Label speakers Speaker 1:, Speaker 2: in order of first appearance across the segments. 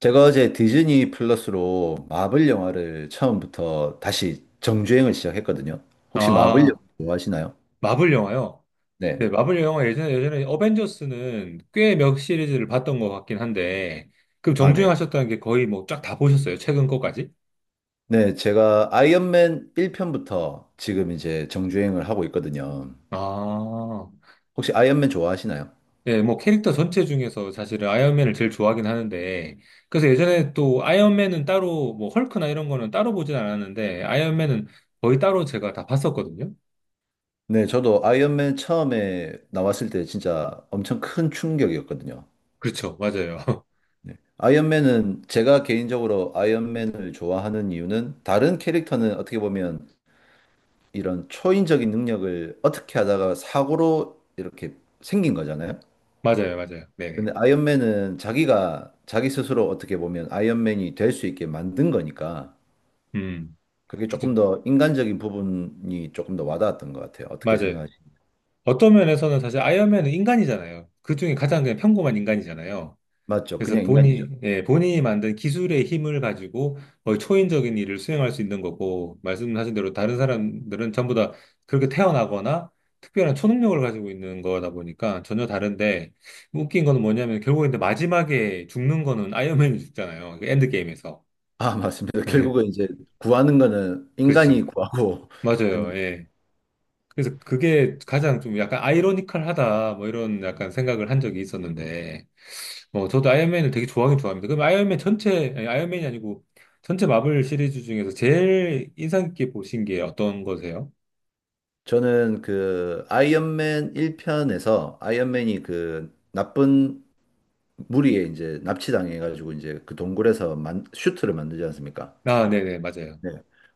Speaker 1: 제가 어제 디즈니 플러스로 마블 영화를 처음부터 다시 정주행을 시작했거든요. 혹시 마블 영화
Speaker 2: 아,
Speaker 1: 좋아하시나요?
Speaker 2: 마블 영화요?
Speaker 1: 네.
Speaker 2: 네, 마블 영화 예전에 어벤져스는 꽤 몇 시리즈를 봤던 것 같긴 한데, 그럼
Speaker 1: 아,
Speaker 2: 정주행
Speaker 1: 네.
Speaker 2: 하셨다는 게 거의 뭐 쫙 다 보셨어요? 최근 거까지?
Speaker 1: 네, 제가 아이언맨 1편부터 지금 이제 정주행을 하고 있거든요.
Speaker 2: 아,
Speaker 1: 혹시 아이언맨 좋아하시나요?
Speaker 2: 예, 뭐 캐릭터 전체 중에서 사실은 아이언맨을 제일 좋아하긴 하는데, 그래서 예전에 또 아이언맨은 따로, 뭐 헐크나 이런 거는 따로 보진 않았는데, 아이언맨은 거의 따로 제가 다 봤었거든요?
Speaker 1: 네, 저도 아이언맨 처음에 나왔을 때 진짜 엄청 큰 충격이었거든요.
Speaker 2: 그렇죠, 맞아요.
Speaker 1: 아이언맨은 제가 개인적으로 아이언맨을 좋아하는 이유는, 다른 캐릭터는 어떻게 보면 이런 초인적인 능력을 어떻게 하다가 사고로 이렇게 생긴 거잖아요.
Speaker 2: 맞아요, 맞아요. 네네.
Speaker 1: 근데 아이언맨은 자기가 자기 스스로 어떻게 보면 아이언맨이 될 수 있게 만든 거니까,
Speaker 2: 음,
Speaker 1: 그게
Speaker 2: 그죠.
Speaker 1: 조금 더 인간적인 부분이 조금 더 와닿았던 것 같아요. 어떻게
Speaker 2: 맞아요.
Speaker 1: 생각하시나요?
Speaker 2: 어떤 면에서는 사실 아이언맨은 인간이잖아요. 그중에 가장 그냥 평범한 인간이잖아요.
Speaker 1: 맞죠?
Speaker 2: 그래서
Speaker 1: 그냥 인간이죠.
Speaker 2: 본인, 예, 본인이 만든 기술의 힘을 가지고 거의 초인적인 일을 수행할 수 있는 거고, 말씀하신 대로 다른 사람들은 전부 다 그렇게 태어나거나 특별한 초능력을 가지고 있는 거다 보니까 전혀 다른데, 웃긴 거는 뭐냐면 결국에 마지막에 죽는 거는 아이언맨이 죽잖아요. 그 엔드게임에서.
Speaker 1: 아, 맞습니다. 결국은 이제 구하는 거는 인간이
Speaker 2: 그렇죠.
Speaker 1: 구하고 끝나.
Speaker 2: 맞아요. 예. 그래서 그게 가장 좀 약간 아이러니컬하다 뭐 이런 약간 생각을 한 적이 있었는데 뭐 저도 아이언맨을 되게 좋아하긴 좋아합니다. 그럼 아이언맨 전체 아니, 아이언맨이 아니고 전체 마블 시리즈 중에서 제일 인상 깊게 보신 게 어떤 거세요?
Speaker 1: 저는 그 아이언맨 1편에서 아이언맨이 그 나쁜 무리에 이제 납치당해가지고 이제 그 동굴에서 슈트를 만들지 않습니까?
Speaker 2: 아, 네네, 맞아요.
Speaker 1: 네.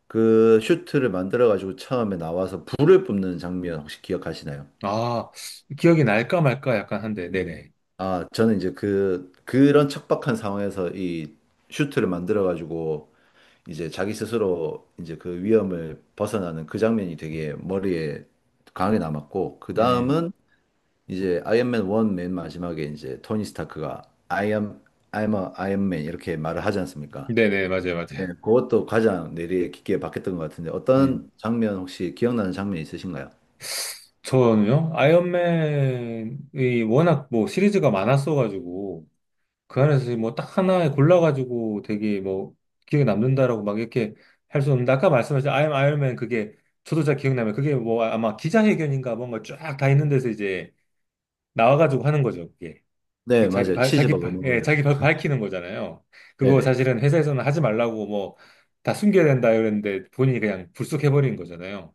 Speaker 1: 그 슈트를 만들어가지고 처음에 나와서 불을 뿜는 장면 혹시 기억하시나요?
Speaker 2: 아, 기억이 날까 말까 약간 한데, 네네.
Speaker 1: 아, 저는 이제 그런 척박한 상황에서 이 슈트를 만들어가지고 이제 자기 스스로 이제 그 위험을 벗어나는 그 장면이 되게 머리에 강하게 남았고, 그
Speaker 2: 음,
Speaker 1: 다음은 이제 아이언맨 1 맨 마지막에 이제 토니 스타크가 I am, I'm a Iron Man 이렇게 말을 하지 않습니까?
Speaker 2: 네네, 맞아요,
Speaker 1: 네,
Speaker 2: 맞아요.
Speaker 1: 그것도 가장 내리에 깊게 박혔던 것 같은데,
Speaker 2: 음,
Speaker 1: 어떤 장면 혹시 기억나는 장면 있으신가요?
Speaker 2: 저는요, 아이언맨이 워낙 뭐 시리즈가 많았어가지고, 그 안에서 뭐 딱 하나 골라가지고 되게 뭐 기억에 남는다라고 막 이렇게 할 수 없는데 아까 말씀하신 아이엠 아이언맨 그게 저도 잘 기억나면 그게 뭐 아마 기자회견인가 뭔가 쫙 다 있는 데서 이제 나와가지고 하는 거죠 그게
Speaker 1: 네,
Speaker 2: 그 자기
Speaker 1: 맞아요.
Speaker 2: 발 자기
Speaker 1: 치즈버거
Speaker 2: 발 예,
Speaker 1: 먹으면서.
Speaker 2: 자기 발 밝히는 거잖아요. 그거
Speaker 1: 네네.
Speaker 2: 사실은 회사에서는 하지 말라고 뭐 다 숨겨야 된다 이랬는데 본인이 그냥 불쑥해버린 거잖아요.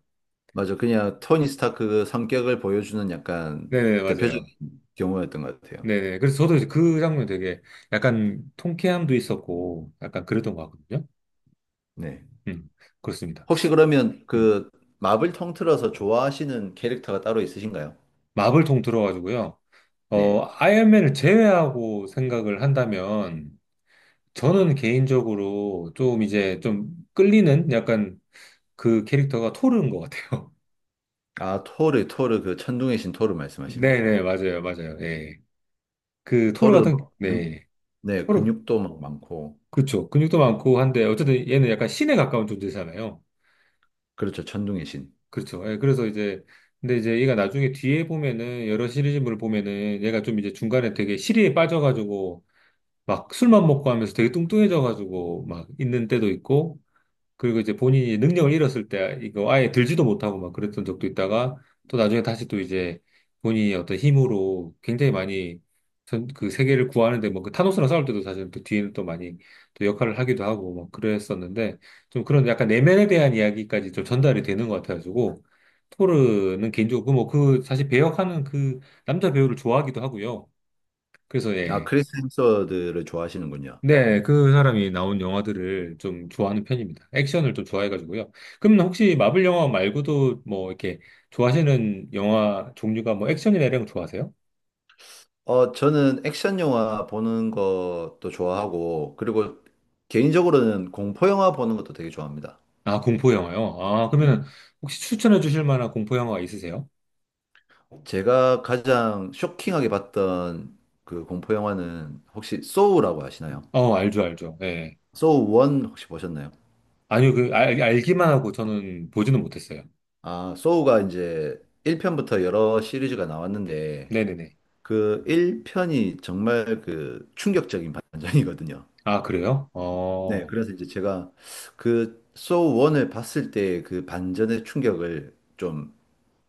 Speaker 1: 맞아. 그냥 토니 스타크 그 성격을 보여주는 약간
Speaker 2: 네네,
Speaker 1: 대표적인
Speaker 2: 맞아요.
Speaker 1: 경우였던 것 같아요.
Speaker 2: 네네, 그래서 저도 이제 그 장면 되게 약간 통쾌함도 있었고 약간 그랬던 것 같거든요.
Speaker 1: 네.
Speaker 2: 음, 그렇습니다.
Speaker 1: 혹시 그러면
Speaker 2: 음.
Speaker 1: 그 마블 통틀어서 좋아하시는 캐릭터가 따로 있으신가요?
Speaker 2: 마블 통틀어 가지고요.
Speaker 1: 네.
Speaker 2: 어, 아이언맨을 제외하고 생각을 한다면 저는 개인적으로 좀 이제 좀 끌리는 약간 그 캐릭터가 토르인 것 같아요.
Speaker 1: 아, 토르, 토르, 그 천둥의 신 토르 말씀하시는 거죠.
Speaker 2: 네네, 맞아요, 맞아요. 예. 그 토르
Speaker 1: 토르,
Speaker 2: 같은, 네.
Speaker 1: 네,
Speaker 2: 토르,
Speaker 1: 근육도 막 많고.
Speaker 2: 그렇죠. 근육도 많고 한데 어쨌든 얘는 약간 신에 가까운 존재잖아요.
Speaker 1: 그렇죠. 천둥의 신.
Speaker 2: 그렇죠. 예, 그래서 이제 근데 이제 얘가 나중에 뒤에 보면은 여러 시리즈물을 보면은 얘가 좀 이제 중간에 되게 시리에 빠져가지고 막 술만 먹고 하면서 되게 뚱뚱해져가지고 막 있는 때도 있고, 그리고 이제 본인이 능력을 잃었을 때 이거 아예 들지도 못하고 막 그랬던 적도 있다가 또 나중에 다시 또 이제 본인이 어떤 힘으로 굉장히 많이 그 세계를 구하는데 뭐그 타노스랑 싸울 때도 사실 또 뒤에는 또 많이 또 역할을 하기도 하고 막 그랬었는데 좀 그런 약간 내면에 대한 이야기까지 좀 전달이 되는 것 같아가지고 토르는 개인적으로 뭐그 사실 배역하는 그 남자 배우를 좋아하기도 하고요. 그래서
Speaker 1: 아,
Speaker 2: 예.
Speaker 1: 크리스 햄스워드를 좋아하시는군요.
Speaker 2: 네, 그 사람이 나온 영화들을 좀 좋아하는 편입니다. 액션을 좀 좋아해가지고요. 그럼 혹시 마블 영화 말고도 뭐 이렇게 좋아하시는 영화 종류가 뭐 액션이나 이런 거 좋아하세요?
Speaker 1: 어, 저는 액션 영화 보는 것도 좋아하고, 그리고 개인적으로는 공포 영화 보는 것도 되게 좋아합니다.
Speaker 2: 아, 공포 영화요? 아,
Speaker 1: 음.
Speaker 2: 그러면 혹시 추천해 주실 만한 공포 영화가 있으세요?
Speaker 1: 제가 가장 쇼킹하게 봤던 그 공포 영화는 혹시 소우라고 아시나요?
Speaker 2: 어, 알죠, 알죠. 예.
Speaker 1: 소우 1 혹시 보셨나요?
Speaker 2: 아니요, 그, 알기만 하고 저는 보지는 못했어요.
Speaker 1: 아, 소우가 이제 1편부터 여러 시리즈가 나왔는데,
Speaker 2: 네네네.
Speaker 1: 그 1편이 정말 그 충격적인 반전이거든요.
Speaker 2: 아, 그래요?
Speaker 1: 네,
Speaker 2: 어,
Speaker 1: 그래서 이제 제가 그 소우 1을 봤을 때 그 반전의 충격을 좀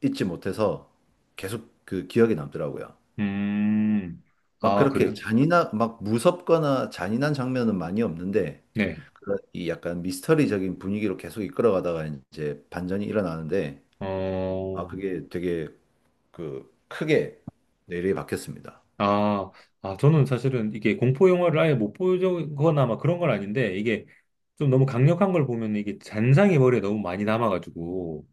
Speaker 1: 잊지 못해서 계속 그 기억에 남더라고요.
Speaker 2: 음,
Speaker 1: 막
Speaker 2: 아,
Speaker 1: 그렇게
Speaker 2: 그래요?
Speaker 1: 막 무섭거나 잔인한 장면은 많이 없는데,
Speaker 2: 네.
Speaker 1: 그런 이 약간 미스터리적인 분위기로 계속 이끌어가다가 이제 반전이 일어나는데, 아,
Speaker 2: 어,
Speaker 1: 그게 되게 그 크게 내리에 박혔습니다.
Speaker 2: 아, 아, 저는 사실은 이게 공포 영화를 아예 못 보거나 막 그런 건 아닌데, 이게 좀 너무 강력한 걸 보면 이게 잔상이 머리에 너무 많이 남아가지고,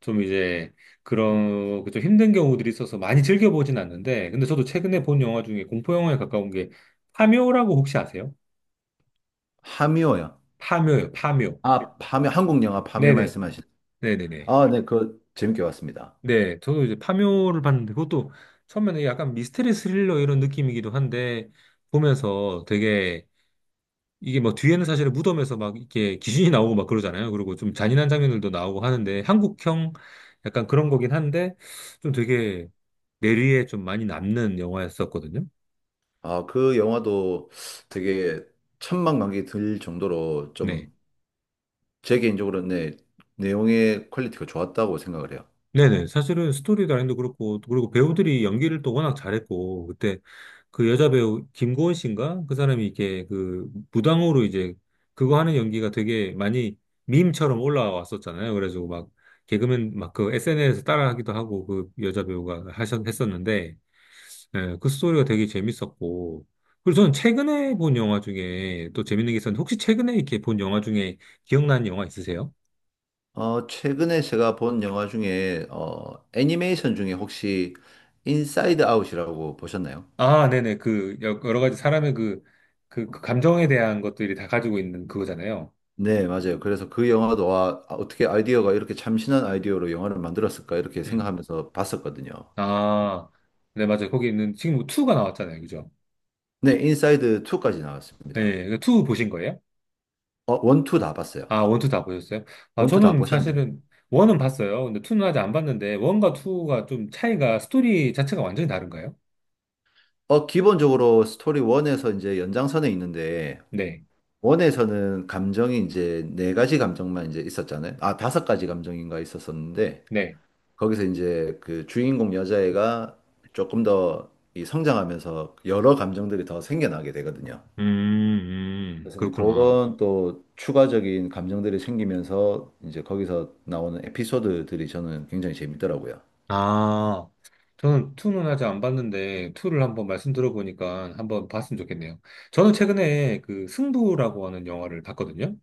Speaker 2: 좀 이제 그런, 그좀 힘든 경우들이 있어서 많이 즐겨보진 않는데, 근데 저도 최근에 본 영화 중에 공포 영화에 가까운 게 파묘라고 혹시 아세요?
Speaker 1: 파묘요.
Speaker 2: 파묘요, 파묘.
Speaker 1: 아, 파묘, 한국 영화 파묘
Speaker 2: 네네,
Speaker 1: 말씀하신.
Speaker 2: 네네네.
Speaker 1: 아, 네, 그 재밌게 봤습니다.
Speaker 2: 네, 저도 이제 파묘를 봤는데, 그것도 처음에는 약간 미스터리 스릴러 이런 느낌이기도 한데, 보면서 되게 이게 뭐 뒤에는 사실은 무덤에서 막 이렇게 귀신이 나오고 막 그러잖아요. 그리고 좀 잔인한 장면들도 나오고 하는데 한국형 약간 그런 거긴 한데 좀 되게 뇌리에 좀 많이 남는 영화였었거든요.
Speaker 1: 아, 그 영화도 되게 천만관계 들 정도로
Speaker 2: 네.
Speaker 1: 좀, 제 개인적으로는, 네, 내용의 퀄리티가 좋았다고 생각을 해요.
Speaker 2: 네네. 사실은 스토리 라인도 그렇고, 또 그리고 배우들이 연기를 또 워낙 잘했고, 그때 그 여자 배우 김고은 씨인가? 그 사람이 이렇게 그 무당으로 이제 그거 하는 연기가 되게 많이 밈처럼 올라왔었잖아요. 그래가지고 막 개그맨 막 그 SNS에서 따라하기도 하고 그 여자 배우가 했었는데, 예, 그 스토리가 되게 재밌었고, 그리고 저는 최근에 본 영화 중에 또 재밌는 게 있었는데, 혹시 최근에 이렇게 본 영화 중에 기억나는 영화 있으세요?
Speaker 1: 어, 최근에 제가 본 영화 중에, 어, 애니메이션 중에 혹시 인사이드 아웃이라고 보셨나요?
Speaker 2: 아, 네네. 그, 여러 가지 사람의 그, 그, 그 감정에 대한 것들이 다 가지고 있는 그거잖아요.
Speaker 1: 네, 맞아요. 그래서 그 영화도, 와, 아, 어떻게 아이디어가 이렇게 참신한 아이디어로 영화를 만들었을까 이렇게
Speaker 2: 음.
Speaker 1: 생각하면서 봤었거든요.
Speaker 2: 아, 네, 맞아요. 거기 있는, 지금 2가 나왔잖아요. 그죠?
Speaker 1: 네, 인사이드 2까지 나왔습니다.
Speaker 2: 예, 네, 2 보신 거예요?
Speaker 1: 어, 1, 2 다 봤어요.
Speaker 2: 아, 1, 2다 보셨어요? 아,
Speaker 1: 1, 2다
Speaker 2: 저는
Speaker 1: 보셨나요?
Speaker 2: 사실은 1은 봤어요. 근데 2는 아직 안 봤는데, 1과 2가 좀 차이가, 스토리 자체가 완전히 다른가요?
Speaker 1: 어, 기본적으로 스토리 1에서 이제 연장선에 있는데,
Speaker 2: 네,
Speaker 1: 원에서는 감정이 이제 네 가지 감정만 이제 있었잖아요. 아, 다섯 가지 감정인가 있었었는데,
Speaker 2: 네.
Speaker 1: 거기서 이제 그 주인공 여자애가 조금 더 이 성장하면서 여러 감정들이 더 생겨나게 되거든요.
Speaker 2: 음,
Speaker 1: 그래서 이제
Speaker 2: 그렇구나.
Speaker 1: 그런 또 추가적인 감정들이 생기면서 이제 거기서 나오는 에피소드들이 저는 굉장히 재밌더라고요.
Speaker 2: 아, 저는 투는 아직 안 봤는데, 투를 한번 말씀 들어보니까 한번 봤으면 좋겠네요. 저는 최근에 그 승부라고 하는 영화를 봤거든요.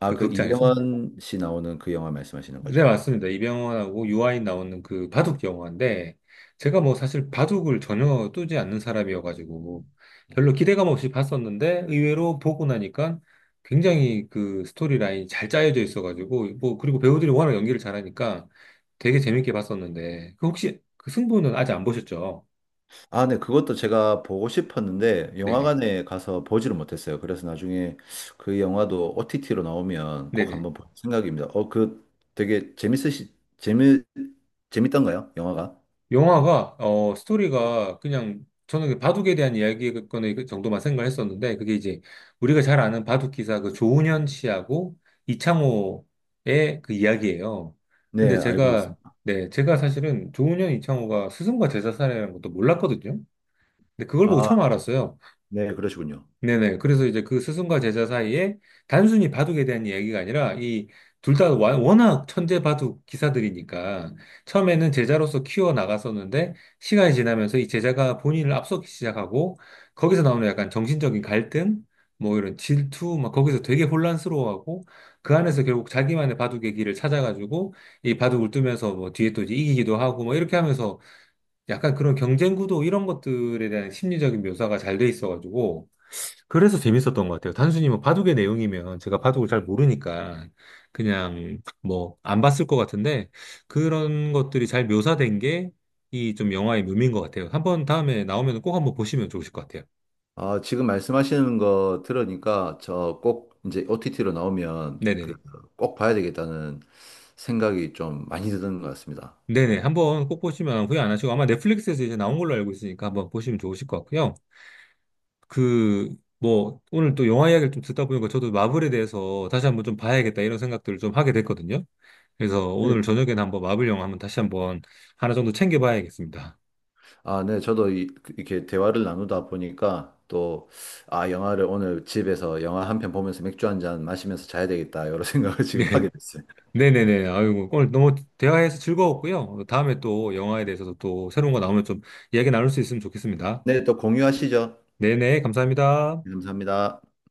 Speaker 1: 아,
Speaker 2: 그
Speaker 1: 그
Speaker 2: 극장에서.
Speaker 1: 이병헌 씨 나오는 그 영화 말씀하시는
Speaker 2: 네,
Speaker 1: 거죠?
Speaker 2: 맞습니다. 이병헌하고 유아인 나오는 그 바둑 영화인데, 제가 뭐 사실 바둑을 전혀 뜨지 않는 사람이어가지고, 별로 기대감 없이 봤었는데, 의외로 보고 나니까 굉장히 그 스토리 라인이 잘 짜여져 있어가지고, 뭐, 그리고 배우들이 워낙 연기를 잘하니까 되게 재밌게 봤었는데, 그 혹시 그 승부는 아직 안 보셨죠?
Speaker 1: 아, 네, 그것도 제가 보고 싶었는데
Speaker 2: 네네.
Speaker 1: 영화관에 가서 보지를 못했어요. 그래서 나중에 그 영화도 OTT로 나오면 꼭
Speaker 2: 네네.
Speaker 1: 한번 볼 생각입니다. 어, 그 되게 재밌으시 재미 재밌던가요? 영화가?
Speaker 2: 영화가 어 스토리가 그냥 저는 그 바둑에 대한 이야기거의그 정도만 생각했었는데 그게 이제 우리가 잘 아는 바둑 기사 그 조훈현 씨하고 이창호의 그 이야기예요.
Speaker 1: 네,
Speaker 2: 근데
Speaker 1: 알고
Speaker 2: 제가
Speaker 1: 있습니다.
Speaker 2: 네 제가 사실은 조훈현 이창호가 스승과 제자 사이라는 것도 몰랐거든요. 근데 그걸 보고
Speaker 1: 아,
Speaker 2: 처음 알았어요.
Speaker 1: 네, 그러시군요.
Speaker 2: 네네. 그래서 이제 그 스승과 제자 사이에 단순히 바둑에 대한 이야기가 아니라 이 둘 다 워낙 천재 바둑 기사들이니까 처음에는 제자로서 키워 나갔었는데 시간이 지나면서 이 제자가 본인을 앞서기 시작하고 거기서 나오는 약간 정신적인 갈등, 뭐 이런 질투, 막 거기서 되게 혼란스러워하고 그 안에서 결국 자기만의 바둑의 길을 찾아가지고 이 바둑을 두면서 뭐 뒤에 또 이제 이기기도 하고 뭐 이렇게 하면서 약간 그런 경쟁 구도 이런 것들에 대한 심리적인 묘사가 잘 돼 있어가지고 그래서 재밌었던 것 같아요. 단순히 뭐 바둑의 내용이면 제가 바둑을 잘 모르니까 그냥 뭐 안 봤을 것 같은데 그런 것들이 잘 묘사된 게 이 좀 영화의 묘미인 것 같아요. 한번 다음에 나오면 꼭 한번 보시면 좋으실 것 같아요.
Speaker 1: 아, 지금 말씀하시는 거 들으니까 저 꼭 이제 OTT로 나오면
Speaker 2: 네네네.
Speaker 1: 꼭 봐야 되겠다는 생각이 좀 많이 드는 것 같습니다.
Speaker 2: 네네. 한번 꼭 보시면 후회 안 하시고 아마 넷플릭스에서 이제 나온 걸로 알고 있으니까 한번 보시면 좋으실 것 같고요. 그, 뭐, 오늘 또 영화 이야기를 좀 듣다 보니까 저도 마블에 대해서 다시 한번 좀 봐야겠다 이런 생각들을 좀 하게 됐거든요. 그래서
Speaker 1: 네,
Speaker 2: 오늘 저녁에는 한번 마블 영화 한번 다시 한번 하나 정도 챙겨봐야겠습니다.
Speaker 1: 아, 네, 저도 이렇게 대화를 나누다 보니까 또, 아, 영화를 오늘 집에서 영화 한 편 보면서 맥주 한잔 마시면서 자야 되겠다, 이런 생각을 지금
Speaker 2: 네.
Speaker 1: 하게 됐어요.
Speaker 2: 네네네. 아이고, 오늘 너무 대화해서 즐거웠고요. 다음에 또 영화에 대해서도 또 새로운 거 나오면 좀 이야기 나눌 수 있으면 좋겠습니다.
Speaker 1: 네, 또 공유하시죠.
Speaker 2: 네네. 감사합니다.
Speaker 1: 감사합니다.